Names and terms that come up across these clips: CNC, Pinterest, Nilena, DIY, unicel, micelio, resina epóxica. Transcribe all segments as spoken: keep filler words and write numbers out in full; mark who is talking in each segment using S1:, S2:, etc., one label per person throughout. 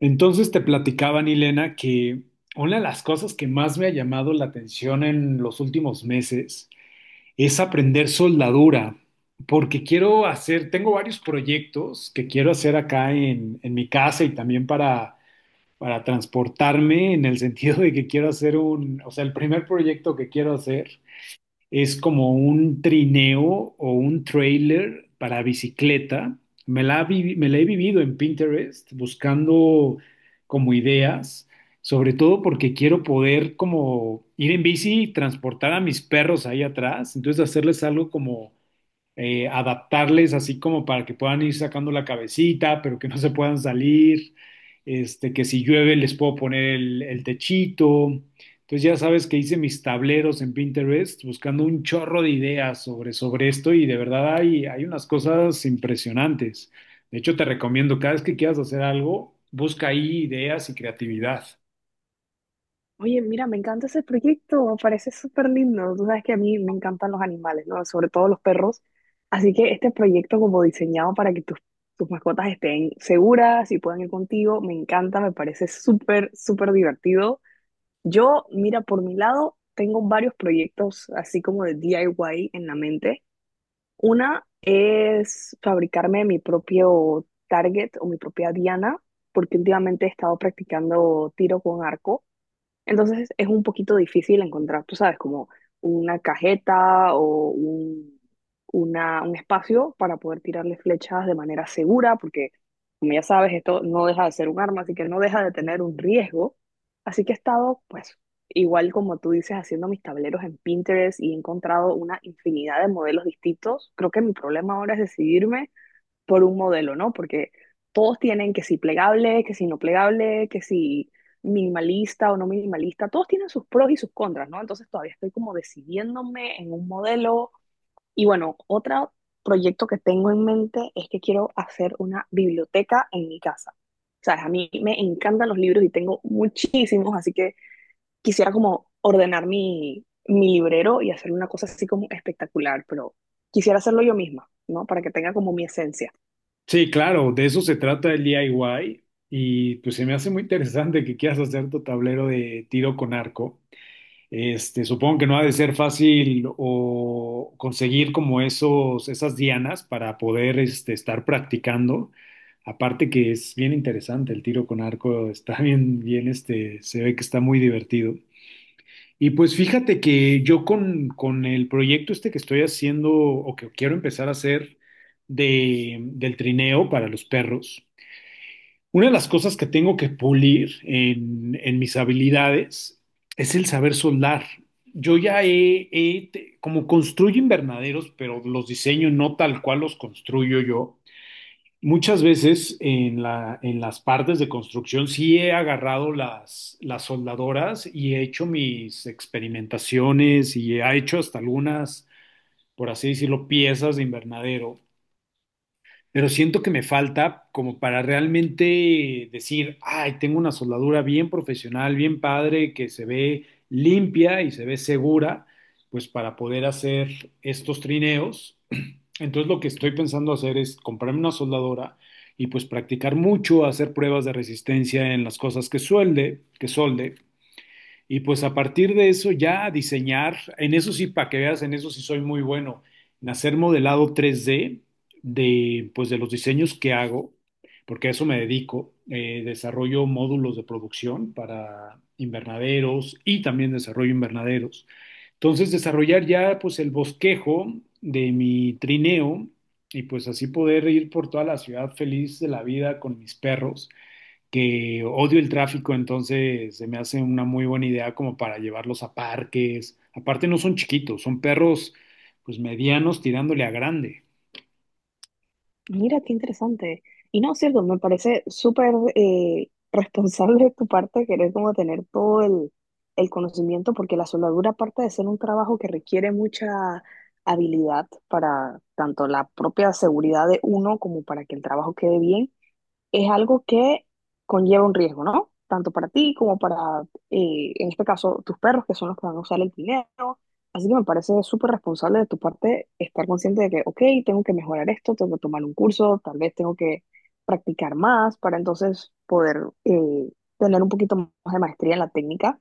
S1: Entonces te platicaba Nilena que una de las cosas que más me ha llamado la atención en los últimos meses es aprender soldadura, porque quiero hacer, tengo varios proyectos que quiero hacer acá en, en mi casa y también para, para transportarme, en el sentido de que quiero hacer un, o sea, el primer proyecto que quiero hacer. Es como un trineo o un trailer para bicicleta. Me la, vi- me la he vivido en Pinterest buscando como ideas, sobre todo porque quiero poder como ir en bici y transportar a mis perros ahí atrás, entonces hacerles algo como eh, adaptarles así como para que puedan ir sacando la cabecita, pero que no se puedan salir, este, que si llueve les puedo poner el, el techito. Entonces ya sabes que hice mis tableros en Pinterest buscando un chorro de ideas sobre, sobre esto y de verdad hay, hay unas cosas impresionantes. De hecho, te recomiendo, cada vez que quieras hacer algo, busca ahí ideas y creatividad.
S2: Oye, mira, me encanta ese proyecto, me parece súper lindo. Tú sabes que a mí me encantan los animales, ¿no? Sobre todo los perros. Así que este proyecto como diseñado para que tus, tus mascotas estén seguras y puedan ir contigo, me encanta, me parece súper, súper divertido. Yo, mira, por mi lado, tengo varios proyectos así como de D I Y en la mente. Una es fabricarme mi propio target o mi propia diana, porque últimamente he estado practicando tiro con arco. Entonces es un poquito difícil encontrar, tú sabes, como una cajeta o un, una- un espacio para poder tirarle flechas de manera segura, porque como ya sabes, esto no deja de ser un arma, así que no deja de tener un riesgo. Así que he estado, pues, igual como tú dices, haciendo mis tableros en Pinterest y he encontrado una infinidad de modelos distintos. Creo que mi problema ahora es decidirme por un modelo, ¿no? Porque todos tienen que si plegable, que si no plegable, que si minimalista o no minimalista, todos tienen sus pros y sus contras, ¿no? Entonces todavía estoy como decidiéndome en un modelo. Y bueno, otro proyecto que tengo en mente es que quiero hacer una biblioteca en mi casa. Sabes, a mí me encantan los libros y tengo muchísimos, así que quisiera como ordenar mi, mi librero y hacer una cosa así como espectacular, pero quisiera hacerlo yo misma, ¿no? Para que tenga como mi esencia.
S1: Sí, claro, de eso se trata el DIY y y pues se me hace muy interesante que quieras hacer tu tablero de tiro con arco. Este, supongo que no ha de ser fácil o conseguir como esos, esas dianas para poder este, estar practicando. Aparte que es bien interesante el tiro con arco, está bien, bien, este, se ve que está muy divertido. Y pues fíjate que yo con, con el proyecto este que estoy haciendo o que quiero empezar a hacer de, del trineo para los perros, una de las cosas que tengo que pulir en, en mis habilidades es el saber soldar. Yo ya he, he- te- como construyo invernaderos, pero los diseño no tal cual los construyo yo. Muchas veces en la, en las partes de construcción sí he agarrado las, las soldadoras y he hecho mis experimentaciones y he hecho hasta algunas, por así decirlo, piezas de invernadero, pero siento que me falta como para realmente decir, ay, tengo una soldadura bien profesional, bien padre, que se ve limpia y se ve segura, pues para poder hacer estos trineos. Entonces lo que estoy pensando hacer es comprarme una soldadora y pues practicar mucho, hacer pruebas de resistencia en las cosas que suelde, que solde, y pues a partir de eso ya diseñar, en eso sí, para que veas, en eso sí soy muy bueno, en hacer modelado tres D de, pues de los diseños que hago, porque a eso me dedico. Eh, desarrollo módulos de producción para invernaderos y también desarrollo invernaderos. Entonces, desarrollar ya pues el bosquejo de mi trineo y pues así poder ir por toda la ciudad feliz de la vida con mis perros, que odio el tráfico, entonces se me hace una muy buena idea como para llevarlos a parques. Aparte no son chiquitos, son perros pues medianos tirándole a grande.
S2: Mira, qué interesante. Y no, cierto, me parece súper eh, responsable de tu parte querer como tener todo el, el conocimiento, porque la soldadura, aparte de ser un trabajo que requiere mucha habilidad para tanto la propia seguridad de uno como para que el trabajo quede bien, es algo que conlleva un riesgo, ¿no? Tanto para ti como para, eh, en este caso, tus perros, que son los que van a usar el dinero. Así que me parece súper responsable de tu parte estar consciente de que, ok, tengo que mejorar esto, tengo que tomar un curso, tal vez tengo que practicar más para entonces poder eh, tener un poquito más de maestría en la técnica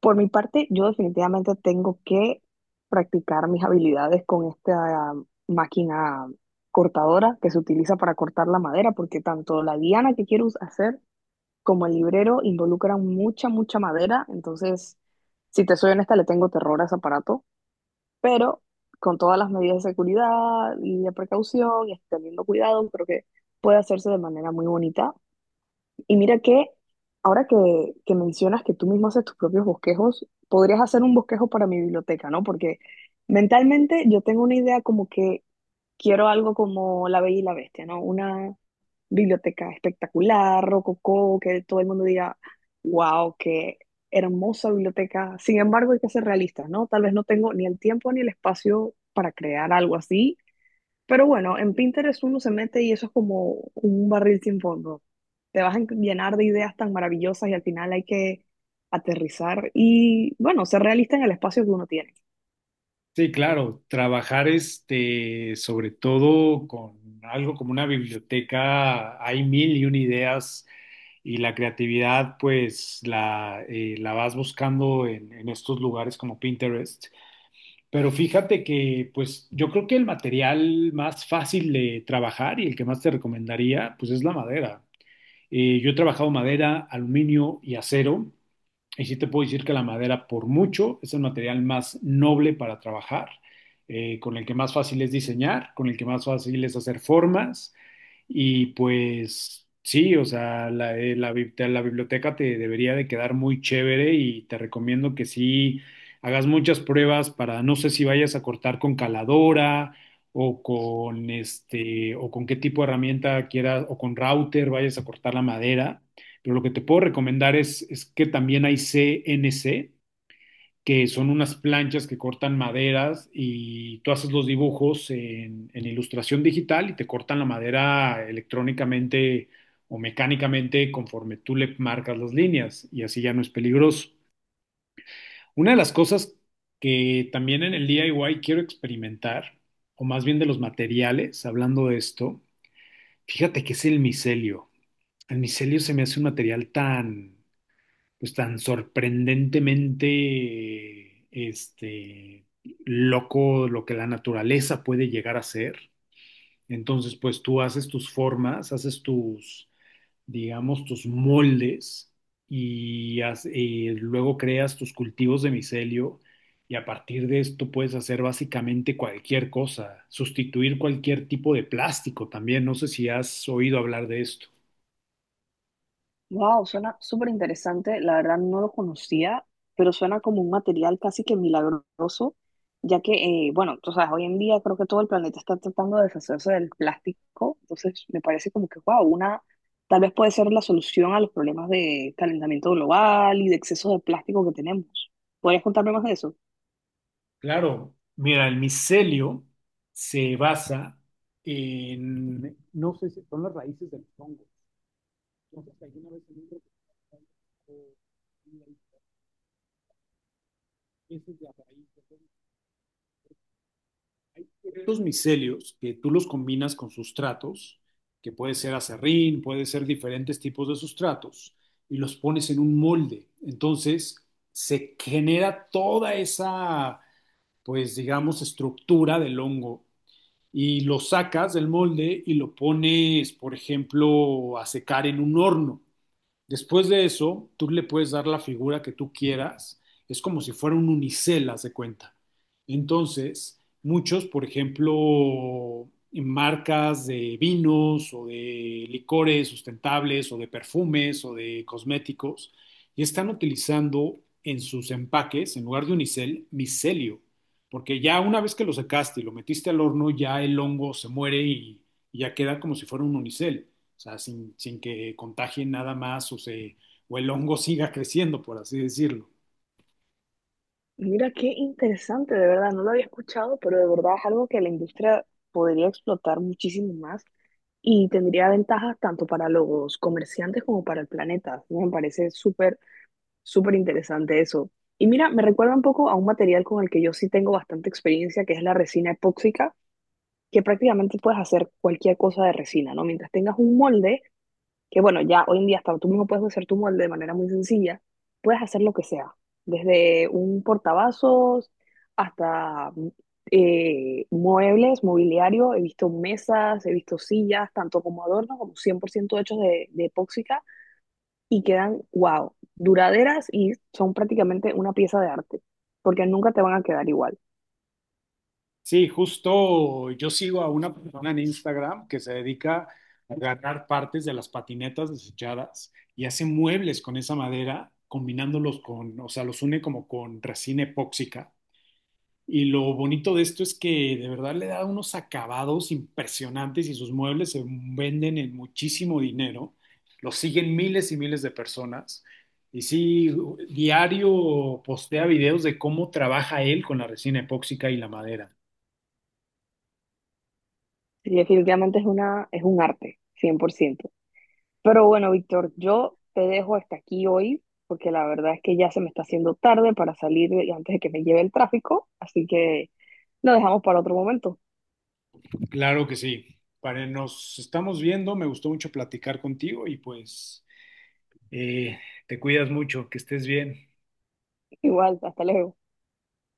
S2: por mi parte. Yo definitivamente tengo que practicar mis habilidades con esta máquina cortadora que se utiliza para cortar la madera, porque tanto la diana que quiero us- hacer como el librero involucran mucha, mucha madera. Entonces, si te soy honesta, le tengo terror a ese aparato, pero con todas las medidas de seguridad y de precaución y teniendo cuidado, creo que puede hacerse de manera muy bonita. Y mira que ahora que, que mencionas que tú mismo haces tus propios bosquejos, podrías hacer un bosquejo para mi biblioteca, ¿no? Porque mentalmente yo tengo una idea como que quiero algo como La Bella y la Bestia, ¿no? Una biblioteca espectacular, rococó, que todo el mundo diga, wow, qué hermosa biblioteca. Sin embargo, hay que ser realistas, ¿no? Tal vez no tengo ni el tiempo ni el espacio para crear algo así, pero bueno, en Pinterest uno se mete y eso es como un barril sin fondo. Te vas a en- llenar de ideas tan maravillosas y al final hay que aterrizar y, bueno, ser realista en el espacio que uno tiene.
S1: Sí, claro, trabajar este, sobre todo con algo como una biblioteca, hay mil y una ideas y la creatividad pues la, eh, la vas buscando en, en estos lugares como Pinterest. Pero fíjate que, pues, yo creo que el material más fácil de trabajar y el que más te recomendaría, pues, es la madera. Eh, yo he trabajado madera, aluminio y acero, y sí te puedo decir que la madera, por mucho, es el material más noble para trabajar, eh, con el que más fácil es diseñar, con el que más fácil es hacer formas. Y pues sí, o sea, la, eh, la bib- la biblioteca te debería de quedar muy chévere y te recomiendo que sí hagas muchas pruebas para, no sé si vayas a cortar con caladora o con este, o con qué tipo de herramienta quieras, o con router vayas a cortar la madera. Pero lo que te puedo recomendar es, es que también hay C N C, que son unas planchas que cortan maderas y tú haces los dibujos en, en ilustración digital y te cortan la madera electrónicamente o mecánicamente conforme tú le marcas las líneas y así ya no es peligroso. Una de las cosas que también en el D I Y quiero experimentar, o más bien de los materiales, hablando de esto, fíjate que es el micelio. El micelio se me hace un material tan, pues tan sorprendentemente este, loco lo que la naturaleza puede llegar a ser. Entonces, pues tú haces tus formas, haces tus, digamos, tus moldes y, haz- y luego creas tus cultivos de micelio y a partir de esto puedes hacer básicamente cualquier cosa, sustituir cualquier tipo de plástico también. No sé si has oído hablar de esto.
S2: Wow, suena súper interesante. La verdad no lo conocía, pero suena como un material casi que milagroso, ya que, eh, bueno, tú sabes, hoy en día creo que todo el planeta está tratando de deshacerse del plástico, entonces me parece como que, wow, una, tal vez puede ser la solución a los problemas de calentamiento global y de exceso de plástico que tenemos. ¿Podrías contarme más de eso?
S1: Claro, mira, el micelio se basa en, no sé si son las raíces de los hongos. No sé si alguna vez en un documental o en las, la raíz de los hongos. Estos micelios que tú los combinas con sustratos, que puede ser acerrín, puede ser diferentes tipos de sustratos, y los pones en un molde. Entonces se genera toda esa, pues digamos, estructura del hongo y lo sacas del molde y lo pones, por ejemplo, a secar en un horno. Después de eso, tú le puedes dar la figura que tú quieras. Es como si fuera un unicel, haz de cuenta. Entonces, muchos, por ejemplo, marcas de vinos o de licores sustentables o de perfumes o de cosméticos, y están utilizando en sus empaques, en lugar de unicel, micelio. Porque ya una vez que lo secaste y lo metiste al horno, ya el hongo se muere y, y ya queda como si fuera un unicel. O sea, sin, sin que contagien nada más o, se, o el hongo siga creciendo, por así decirlo.
S2: Mira, qué interesante, de verdad, no lo había escuchado, pero de verdad es algo que la industria podría explotar muchísimo más, y tendría ventajas tanto para los comerciantes como para el planeta. Me parece súper, súper interesante eso. Y mira, me recuerda un poco a un material con el que yo sí tengo bastante experiencia, que es la resina epóxica, que prácticamente puedes hacer cualquier cosa de resina, ¿no? Mientras tengas un molde, que bueno, ya hoy en día hasta tú mismo puedes hacer tu molde de manera muy sencilla, puedes hacer lo que sea, desde un portavasos hasta eh, muebles, mobiliario, he visto mesas, he visto sillas, tanto como adornos como cien por ciento hechos de, de epóxica y quedan, wow, duraderas y son prácticamente una pieza de arte, porque nunca te van a quedar igual.
S1: Sí, justo yo sigo a una persona en Instagram que se dedica a agarrar partes de las patinetas desechadas y hace muebles con esa madera, combinándolos con, o sea, los une como con resina epóxica. Y lo bonito de esto es que de verdad le da unos acabados impresionantes y sus muebles se venden en muchísimo dinero. Lo siguen miles y miles de personas. Y sí, diario postea videos de cómo trabaja él con la resina epóxica y la madera.
S2: Y definitivamente es una, es un arte, cien por ciento. Pero bueno, Víctor, yo te dejo hasta aquí hoy, porque la verdad es que ya se me está haciendo tarde para salir antes de que me lleve el tráfico, así que lo dejamos para otro momento.
S1: Claro que sí. Para, nos estamos viendo. Me gustó mucho platicar contigo y pues eh, te cuidas mucho, que estés bien.
S2: Igual, hasta luego.